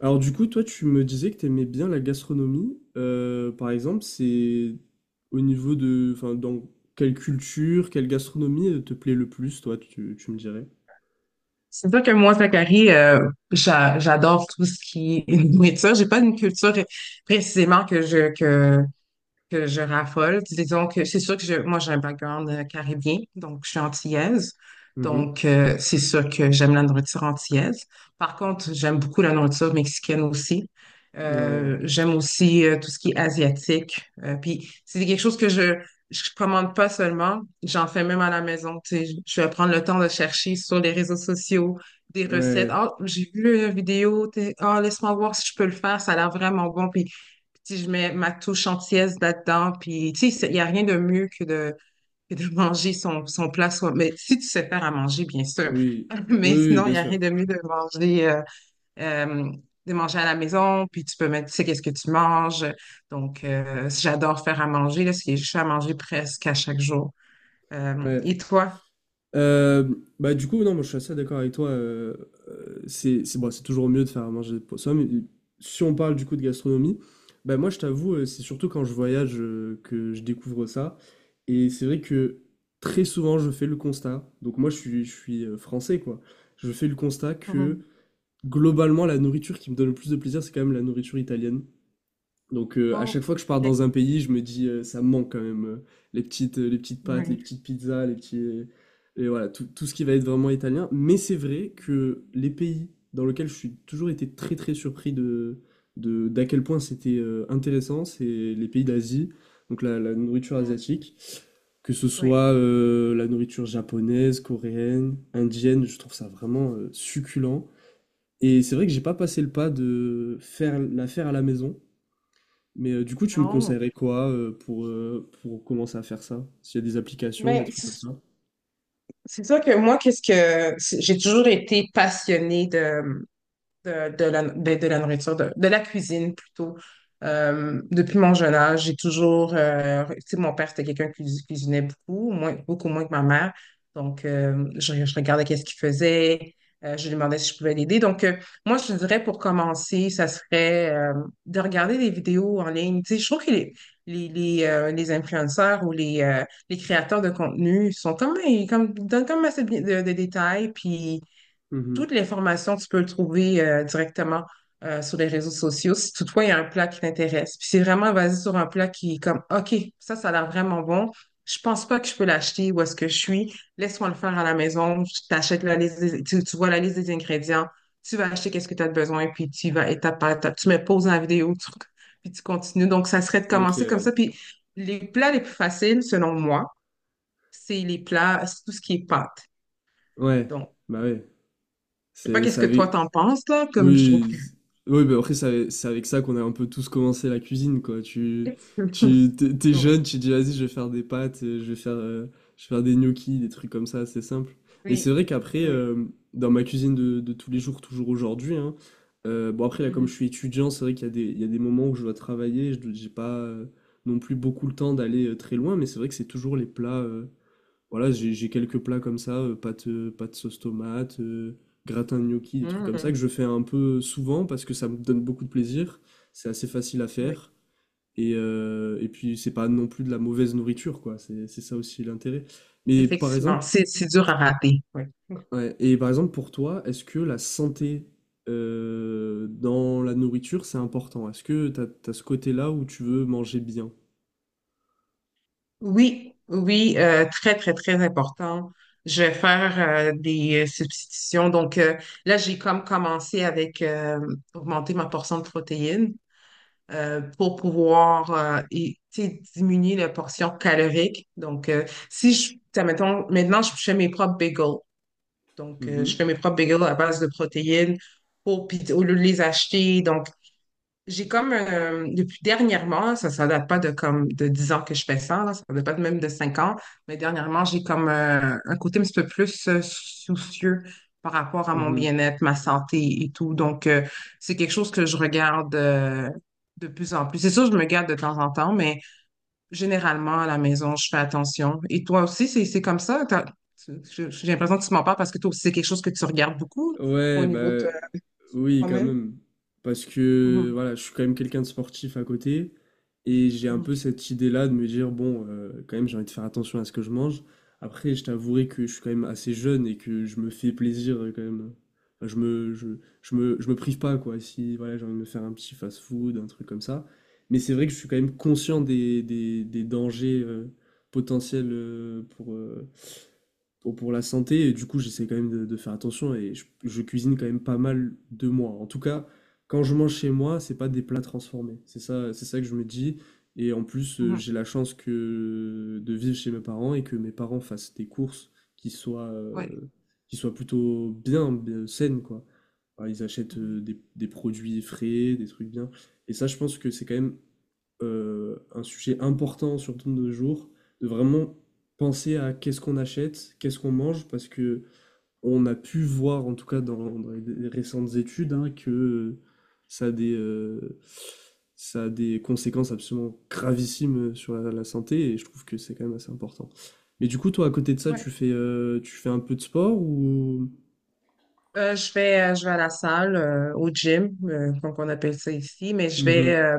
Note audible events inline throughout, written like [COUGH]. Alors du coup, toi, tu me disais que tu aimais bien la gastronomie. Par exemple, c'est au niveau de, dans quelle culture, quelle gastronomie te plaît le plus, toi, tu me dirais. C'est sûr que moi, Zachary, j'adore tout ce qui est [LAUGHS] nourriture. J'ai pas une culture précisément que je raffole. Disons que c'est sûr que moi, j'ai un background caribien, donc je suis antillaise. Mhm. Donc, c'est sûr que j'aime la nourriture antillaise. Par contre, j'aime beaucoup la nourriture mexicaine aussi. Ouais, J'aime aussi tout ce qui est asiatique. Puis, c'est quelque chose que je commande pas seulement, j'en fais même à la maison. Tu sais, je vais prendre le temps de chercher sur les réseaux sociaux des recettes. ouais, Ah, j'ai vu une vidéo. Ah, laisse-moi voir si je peux le faire. Ça a l'air vraiment bon. Puis, si je mets ma touche entière là-dedans, puis tu sais, il n'y a rien de mieux que de manger son plat soi. Mais si tu sais faire à manger, bien sûr. oui, [LAUGHS] oui, Mais oui, sinon, il bien n'y a sûr. rien de mieux euh, de manger à la maison, puis tu peux mettre, tu sais, qu'est-ce que tu manges. Donc, j'adore faire à manger, là, c'est- je fais à manger presque à chaque jour. Euh, Ouais. et toi? Euh, Bah du coup non, moi je suis assez d'accord avec toi, c'est bon, c'est toujours mieux de faire à manger pour soi, mais si on parle du coup de gastronomie, bah moi je t'avoue, c'est surtout quand je voyage que je découvre ça. Et c'est vrai que très souvent je fais le constat. Donc moi je suis français, quoi. Je fais le constat que Mhm. globalement la nourriture qui me donne le plus de plaisir, c'est quand même la nourriture italienne. Donc à Oh, chaque fois que je pars ok. dans un pays, je me dis ça me manque quand même, les petites pâtes, les Oui, petites pizzas, les petits et voilà, tout ce qui va être vraiment italien. Mais c'est vrai que les pays dans lesquels je suis toujours été très très surpris de d'à quel point c'était intéressant, c'est les pays d'Asie, donc la nourriture asiatique, que ce oui. soit la nourriture japonaise, coréenne, indienne, je trouve ça vraiment succulent. Et c'est vrai que j'ai pas passé le pas de faire à la maison. Mais du coup, tu me Non. conseillerais quoi pour commencer à faire ça? S'il y a des applications, des Mais trucs comme c'est ça? c'est ça que moi, j'ai toujours été passionnée de la nourriture, de la cuisine plutôt. Depuis mon jeune âge, j'ai toujours. Tu sais, mon père, c'était quelqu'un qui cuisinait beaucoup, beaucoup moins que ma mère. Donc, je regardais qu'est-ce qu'il faisait. Je lui demandais si je pouvais l'aider. Donc, moi, je te dirais pour commencer, ça serait de regarder des vidéos en ligne. Tu sais, je trouve que les influenceurs ou les créateurs de contenu sont comme, comme, donnent comme assez de, de détails. Puis, Mhm. toute l'information, tu peux le trouver directement sur les réseaux sociaux si toutefois il y a un plat qui t'intéresse. Puis c'est vraiment basé sur un plat qui est comme OK, ça a l'air vraiment bon. Je pense pas que je peux l'acheter où est-ce que je suis. Laisse-moi le faire à la maison. Je t'achète la liste, tu vois la liste des ingrédients. Tu vas acheter qu'est-ce que tu as besoin, puis tu y vas étape par étape. Tu me poses la vidéo, puis tu continues. Donc, ça serait de Ok. commencer comme ça. Puis les plats les plus faciles, selon moi, c'est les plats, c'est tout ce qui est pâte. Ouais, Donc, bah ouais. je sais pas C'est, qu'est-ce ça que toi avait... t'en penses, là, comme je trouve. Oui, z- oui, bah après, c'est avec ça qu'on a un peu tous commencé la cuisine, quoi. [LAUGHS] T'es Oui, jeune, tu dis, vas-y, je vais faire des pâtes, je vais faire des gnocchis, des trucs comme ça, c'est simple. Mais c'est oui, vrai qu'après, oui. Dans ma cuisine de tous les jours, toujours aujourd'hui, hein, bon, après, là, comme je Mhm. suis étudiant, c'est vrai qu'il y a il y a des moments où je dois travailler, j'ai pas non plus beaucoup le temps d'aller très loin, mais c'est vrai que c'est toujours les plats. Voilà, j'ai quelques plats comme ça, pâte, pâte sauce tomate, gratin de gnocchi, des trucs comme ça Mhm. que je fais un peu souvent parce que ça me donne beaucoup de plaisir. C'est assez facile à Oui, faire. Et puis, c'est pas non plus de la mauvaise nourriture, quoi. C'est ça aussi l'intérêt. Mais par effectivement, exemple, c'est dur à rater. Oui. ouais, et par exemple, pour toi, est-ce que la santé dans la nourriture, c'est important? Est-ce que t'as ce côté-là où tu veux manger bien? Oui, oui, très, très, très important. Je vais faire des substitutions. Donc là, j'ai comme commencé avec augmenter ma portion de protéines. Pour pouvoir et, tu sais, diminuer la portion calorique. Donc, si je, tu sais, mettons, maintenant, je fais mes propres bagels. Donc, je Mhm. fais mes propres bagels à base de protéines pour, puis au lieu de les acheter. Donc, j'ai comme, depuis dernièrement, ça date pas de comme de 10 ans que je fais ça, là, ça date pas même de 5 ans, mais dernièrement, j'ai comme un côté un petit peu plus soucieux par rapport à mon Mhm. bien-être, ma santé et tout. Donc, c'est quelque chose que je regarde de plus en plus. C'est sûr, je me garde de temps en temps, mais généralement, à la maison, je fais attention. Et toi aussi, c'est comme ça? J'ai l'impression que tu m'en parles parce que toi aussi, c'est quelque chose que tu regardes beaucoup au Ouais, niveau de bah oui, quand toi-même. même. Parce que Mhm, voilà, je suis quand même quelqu'un de sportif à côté. Et j'ai un mhm, peu cette idée-là de me dire, bon, quand même, j'ai envie de faire attention à ce que je mange. Après, je t'avouerai que je suis quand même assez jeune et que je me fais plaisir quand même. Enfin, je me prive pas, quoi. Si voilà, j'ai envie de me faire un petit fast-food, un truc comme ça. Mais c'est vrai que je suis quand même conscient des dangers potentiels pour, pour la santé. Et du coup, j'essaie quand même de faire attention, et je cuisine quand même pas mal de moi. En tout cas, quand je mange chez moi, c'est pas des plats transformés. C'est ça que je me dis. Et en plus, mhm. j'ai la chance que de vivre chez mes parents et que mes parents fassent des courses qui soient, Ouais, plutôt bien, bien saines, quoi. Alors, ils achètent oui. Des produits frais, des trucs bien. Et ça, je pense que c'est quand même un sujet important, surtout de nos jours, de vraiment penser à qu'est-ce qu'on achète, qu'est-ce qu'on mange, parce que on a pu voir, en tout cas dans, dans les récentes études, hein, que ça a ça a des conséquences absolument gravissimes sur la santé, et je trouve que c'est quand même assez important. Mais du coup, toi, à côté de ça, Ouais. Tu fais un peu de sport ou... Je vais, je vais à la salle, au gym, comme on appelle ça ici, mais je vais Mhm,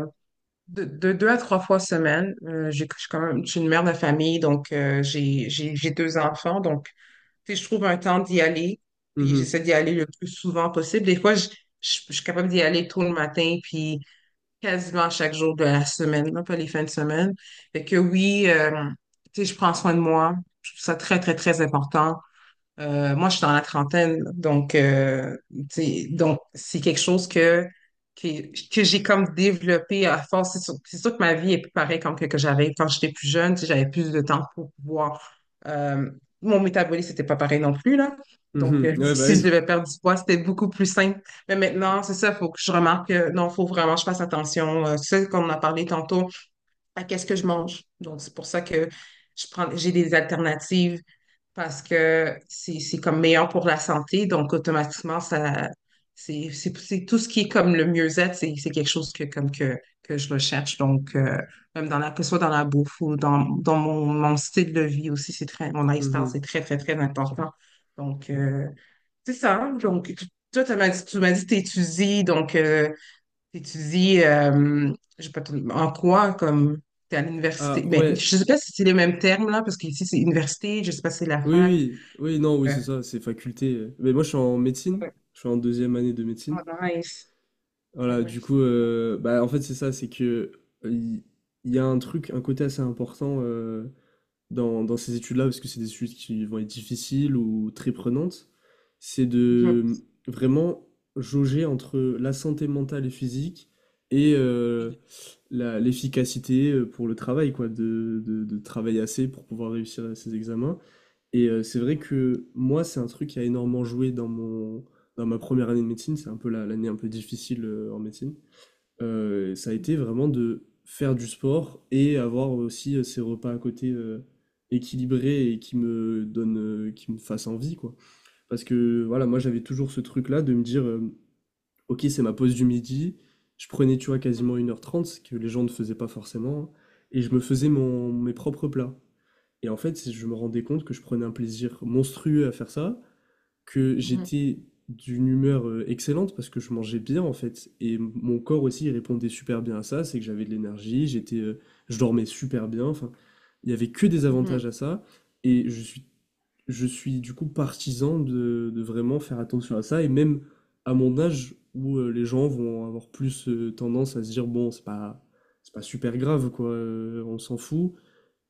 de deux à trois fois semaine. J'ai, je suis quand même, je suis une mère de famille, donc j'ai deux enfants, donc tu sais, je trouve un temps d'y aller, puis mhm, j'essaie d'y aller le plus souvent possible. Des fois, je suis capable d'y aller tôt le matin, puis quasiment chaque jour de la semaine, là, pas les fins de semaine. Fait que oui, tu sais, je prends soin de moi. Je trouve ça très, très, très important. Moi, je suis dans la trentaine, donc, tu sais, donc c'est quelque chose que, que j'ai comme développé à force. C'est sûr que ma vie est plus pareille comme que j'avais quand j'étais plus jeune, tu sais, j'avais plus de temps pour pouvoir. euh, mon métabolisme n'était pas pareil non plus, là. Donc, mhm. [LAUGHS] Ouais, bah si je oui. devais perdre du poids, c'était beaucoup plus simple. Mais maintenant, c'est ça, il faut que je remarque que non, il faut vraiment que je fasse attention. C'est ce qu'on en a parlé tantôt, à qu'est-ce que je mange. Donc, c'est pour ça que j'ai des alternatives parce que c'est comme meilleur pour la santé, donc automatiquement, ça c'est tout ce qui est comme le mieux-être, c'est quelque chose que comme que je recherche. Donc, même que ce soit dans la bouffe ou dans mon style de vie aussi, mon lifestyle, c'est Mhm. très, très, très important. Donc, c'est ça, hein. Donc, toi, tu m'as dit que t'étudies, donc t'étudies, je sais pas trop, en quoi, comme t'es à l'université, Ah mais ouais, je sais pas si c'est les mêmes termes là, parce qu'ici c'est université, je sais pas si c'est la oui, fac. oui, oui, non, oui, c'est Mhm. ça, c'est faculté. Mais moi, je suis en médecine, je suis en deuxième année de Oh, médecine. nice. Voilà, Mhm. du coup, bah, en fait, c'est ça, c'est que euh, il il y a un truc, un côté assez important, dans, dans ces études-là, parce que c'est des études qui vont être difficiles ou très prenantes, c'est Mhm. de vraiment jauger entre la santé mentale et physique, et euh, l'efficacité pour le travail, quoi, de travailler assez pour pouvoir réussir à ces examens. C'est vrai que moi, c'est un truc qui a énormément joué dans dans ma première année de médecine. C'est un peu l'année un peu difficile en médecine. Ça a été vraiment de faire du sport et avoir aussi ces repas à côté équilibrés et qui me donnent, qui me fassent envie, quoi. Parce que voilà, moi, j'avais toujours ce truc-là de me dire, ok, c'est ma pause du midi. Je prenais, tu vois, quasiment 1h30, ce que les gens ne faisaient pas forcément, hein, et je me faisais Oui, mes propres plats. Et en fait, je me rendais compte que je prenais un plaisir monstrueux à faire ça, que Mhm. j'étais d'une humeur excellente parce que je mangeais bien, en fait. Et mon corps aussi, il répondait super bien à ça, c'est que j'avais de l'énergie, Oui, j'étais, je dormais super bien. Enfin, il n'y avait que des Mhm. avantages à ça. Et je suis du coup partisan de vraiment faire attention à ça. Et même à mon âge où les gens vont avoir plus tendance à se dire, bon, c'est pas super grave, quoi, on s'en fout.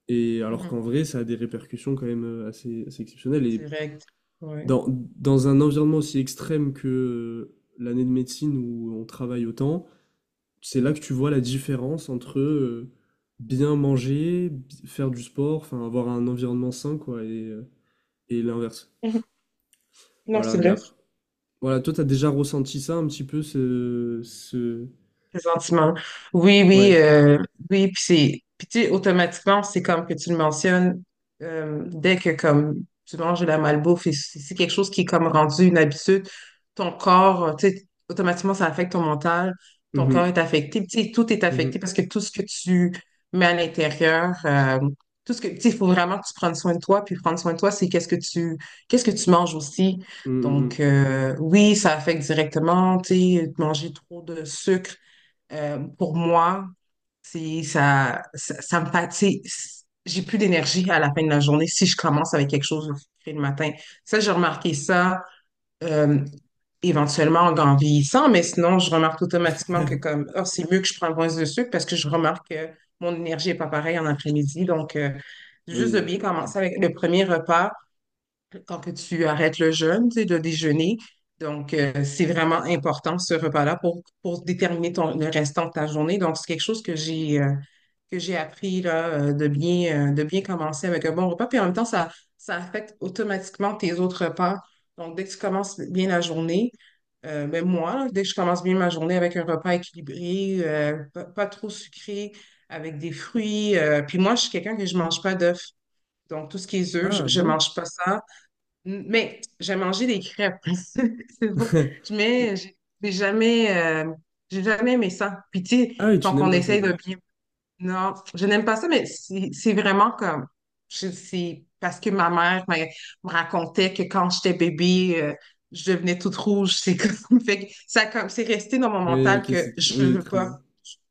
Et alors Mhm. qu'en vrai, ça a des répercussions quand même assez exceptionnelles. Et Direct. Ouais. dans, dans un environnement aussi extrême que l'année de médecine où on travaille autant, c'est là que tu vois la différence entre bien manger, faire du sport, enfin avoir un environnement sain, quoi, et l'inverse. Non, Voilà, c'est mais vrai. après. Voilà, toi, t'as déjà ressenti ça un petit peu, ce... ce... Présentement. Oui, oui, Ouais. Oui, puis puis tu sais, automatiquement, c'est comme que tu le mentionnes, dès que comme tu manges de la malbouffe et c'est quelque chose qui est comme rendu une habitude, ton corps, tu sais, automatiquement, ça affecte ton mental, ton corps Mhm, est affecté, puis tu sais, tout est affecté mhm, parce que tout ce que tu mets à l'intérieur, tu sais, il faut vraiment que tu prennes soin de toi, puis prendre soin de toi, c'est qu'est-ce que tu manges aussi. mhm, Donc, mhm. Oui, ça affecte directement, tu sais, manger trop de sucre pour moi, ça me fatigue. J'ai plus d'énergie à la fin de la journée si je commence avec quelque chose le matin. Ça, j'ai remarqué ça euh, éventuellement en vieillissant, mais sinon, je remarque automatiquement que comme, oh, c'est mieux que je prenne moins de sucre parce que je remarque que mon énergie est pas pareille en après-midi. Donc, juste de Oui. bien Ok. commencer avec le premier repas tant que tu arrêtes le jeûne, tu sais, de déjeuner. Donc, c'est vraiment important ce repas-là pour déterminer ton, le restant de ta journée. Donc, c'est quelque chose que j'ai appris là, de bien commencer avec un bon repas. Puis en même temps, ça affecte automatiquement tes autres repas. Donc, dès que tu commences bien la journée, ben moi, là, dès que je commence bien ma journée avec un repas équilibré, pas trop sucré, avec des fruits. Puis moi, je suis quelqu'un que je mange pas d'œufs. Donc, tout ce qui est œufs, je, Ah, je bon? mange pas ça. Mais j'ai mangé des crêpes. [LAUGHS] C'est bon. [LAUGHS] Je mets, j'ai jamais, euh, j'ai jamais aimé ça. Puis tu sais, Ah oui, tu quand n'aimes on pas ça, ok. essaye de bien. Non, je n'aime pas ça, mais c'est vraiment comme. C'est parce que ma mère me racontait que quand j'étais bébé, je devenais toute rouge. C'est comme. [LAUGHS] Fait que ça, comme, c'est resté dans mon Oui, mental ok, que c'est je oui, veux très pas. bon.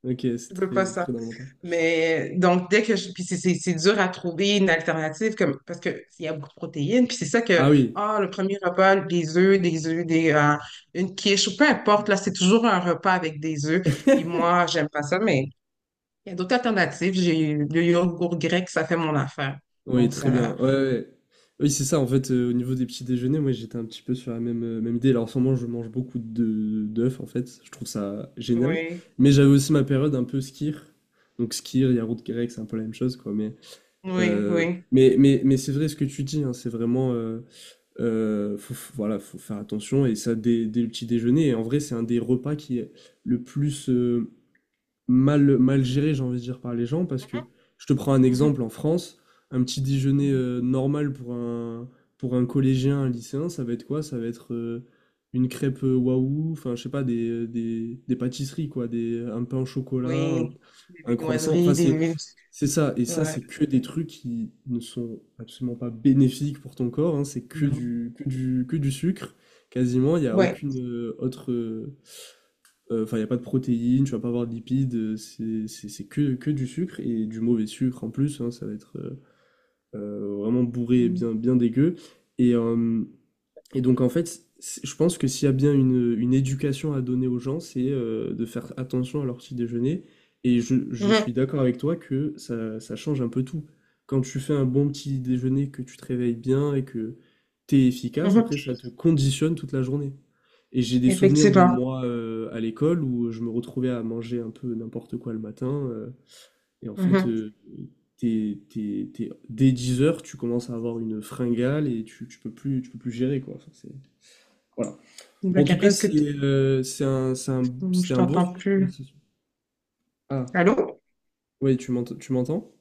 Ok, c'est Je veux pas très ça. très dans mon tas. Mais donc, dès que je. Puis c'est dur à trouver une alternative comme, parce qu'il y a beaucoup de protéines. Puis c'est ça que, Ah oui, ah, le premier repas, des œufs, une quiche, ou peu importe, là, c'est toujours un repas avec des œufs. Puis moi, j'aime pas ça, mais il y a d'autres alternatives. J'ai le yogourt grec, ça fait mon affaire. oui, Donc, très ça. bien. Ouais, ouais, ouais. Oui, c'est ça. En fait, au niveau des petits déjeuners, moi, j'étais un petit peu sur la même même idée. Alors, en ce moment, je mange beaucoup de d'œufs. En fait, je trouve ça génial. Oui, Mais j'avais aussi ma période un peu skir. Donc skir, yaourt grec, c'est un peu la même chose, quoi. Mais oui, oui. Mais c'est vrai ce que tu dis, hein, c'est vraiment voilà, faut faire attention, et ça dès, dès le petit déjeuner. Et en vrai, c'est un des repas qui est le plus mal géré, j'ai envie de dire, par les gens, parce que je te prends un Mhm, exemple en France, un petit mhm, déjeuner mhm. Normal pour pour un collégien, un lycéen, ça va être quoi? Ça va être une crêpe waouh, enfin, je sais pas, des pâtisseries, quoi, un pain au chocolat, Oui, des un croissant, enfin, viennoiseries, des. c'est ça, et ça, Ouais. c'est que des trucs qui ne sont absolument pas bénéfiques pour ton corps, hein, c'est Non. Que du sucre, quasiment, il n'y a Ouais. aucune autre. Enfin, il y a pas de protéines, tu vas pas avoir de lipides, c'est que du sucre et du mauvais sucre en plus, hein, ça va être, vraiment bourré et Mhm, bien bien dégueu et hem et donc en fait, c je pense que s'il y a bien une éducation à donner aux gens, c'est, de faire attention à leur petit déjeuner, et je mhm, suis d'accord avec toi que ça change un peu tout. Quand tu fais un bon petit déjeuner, que tu te réveilles bien et que tu es efficace, mhm. après ça te conditionne toute la journée. Et j'ai des souvenirs de Effectivement. moi à l'école où je me retrouvais à manger un peu n'importe quoi le matin. Et en fait, Mhm. T'es- dès 10 heures, tu commences à avoir une fringale et tu peux plus gérer, quoi. Enfin, voilà. Bah, En tout Carré, cas, est-ce que c'est, je c'était un bon t'entends sujet de plus? conversation. Ah, Allô? oui, tu m'entends, tu m'entends?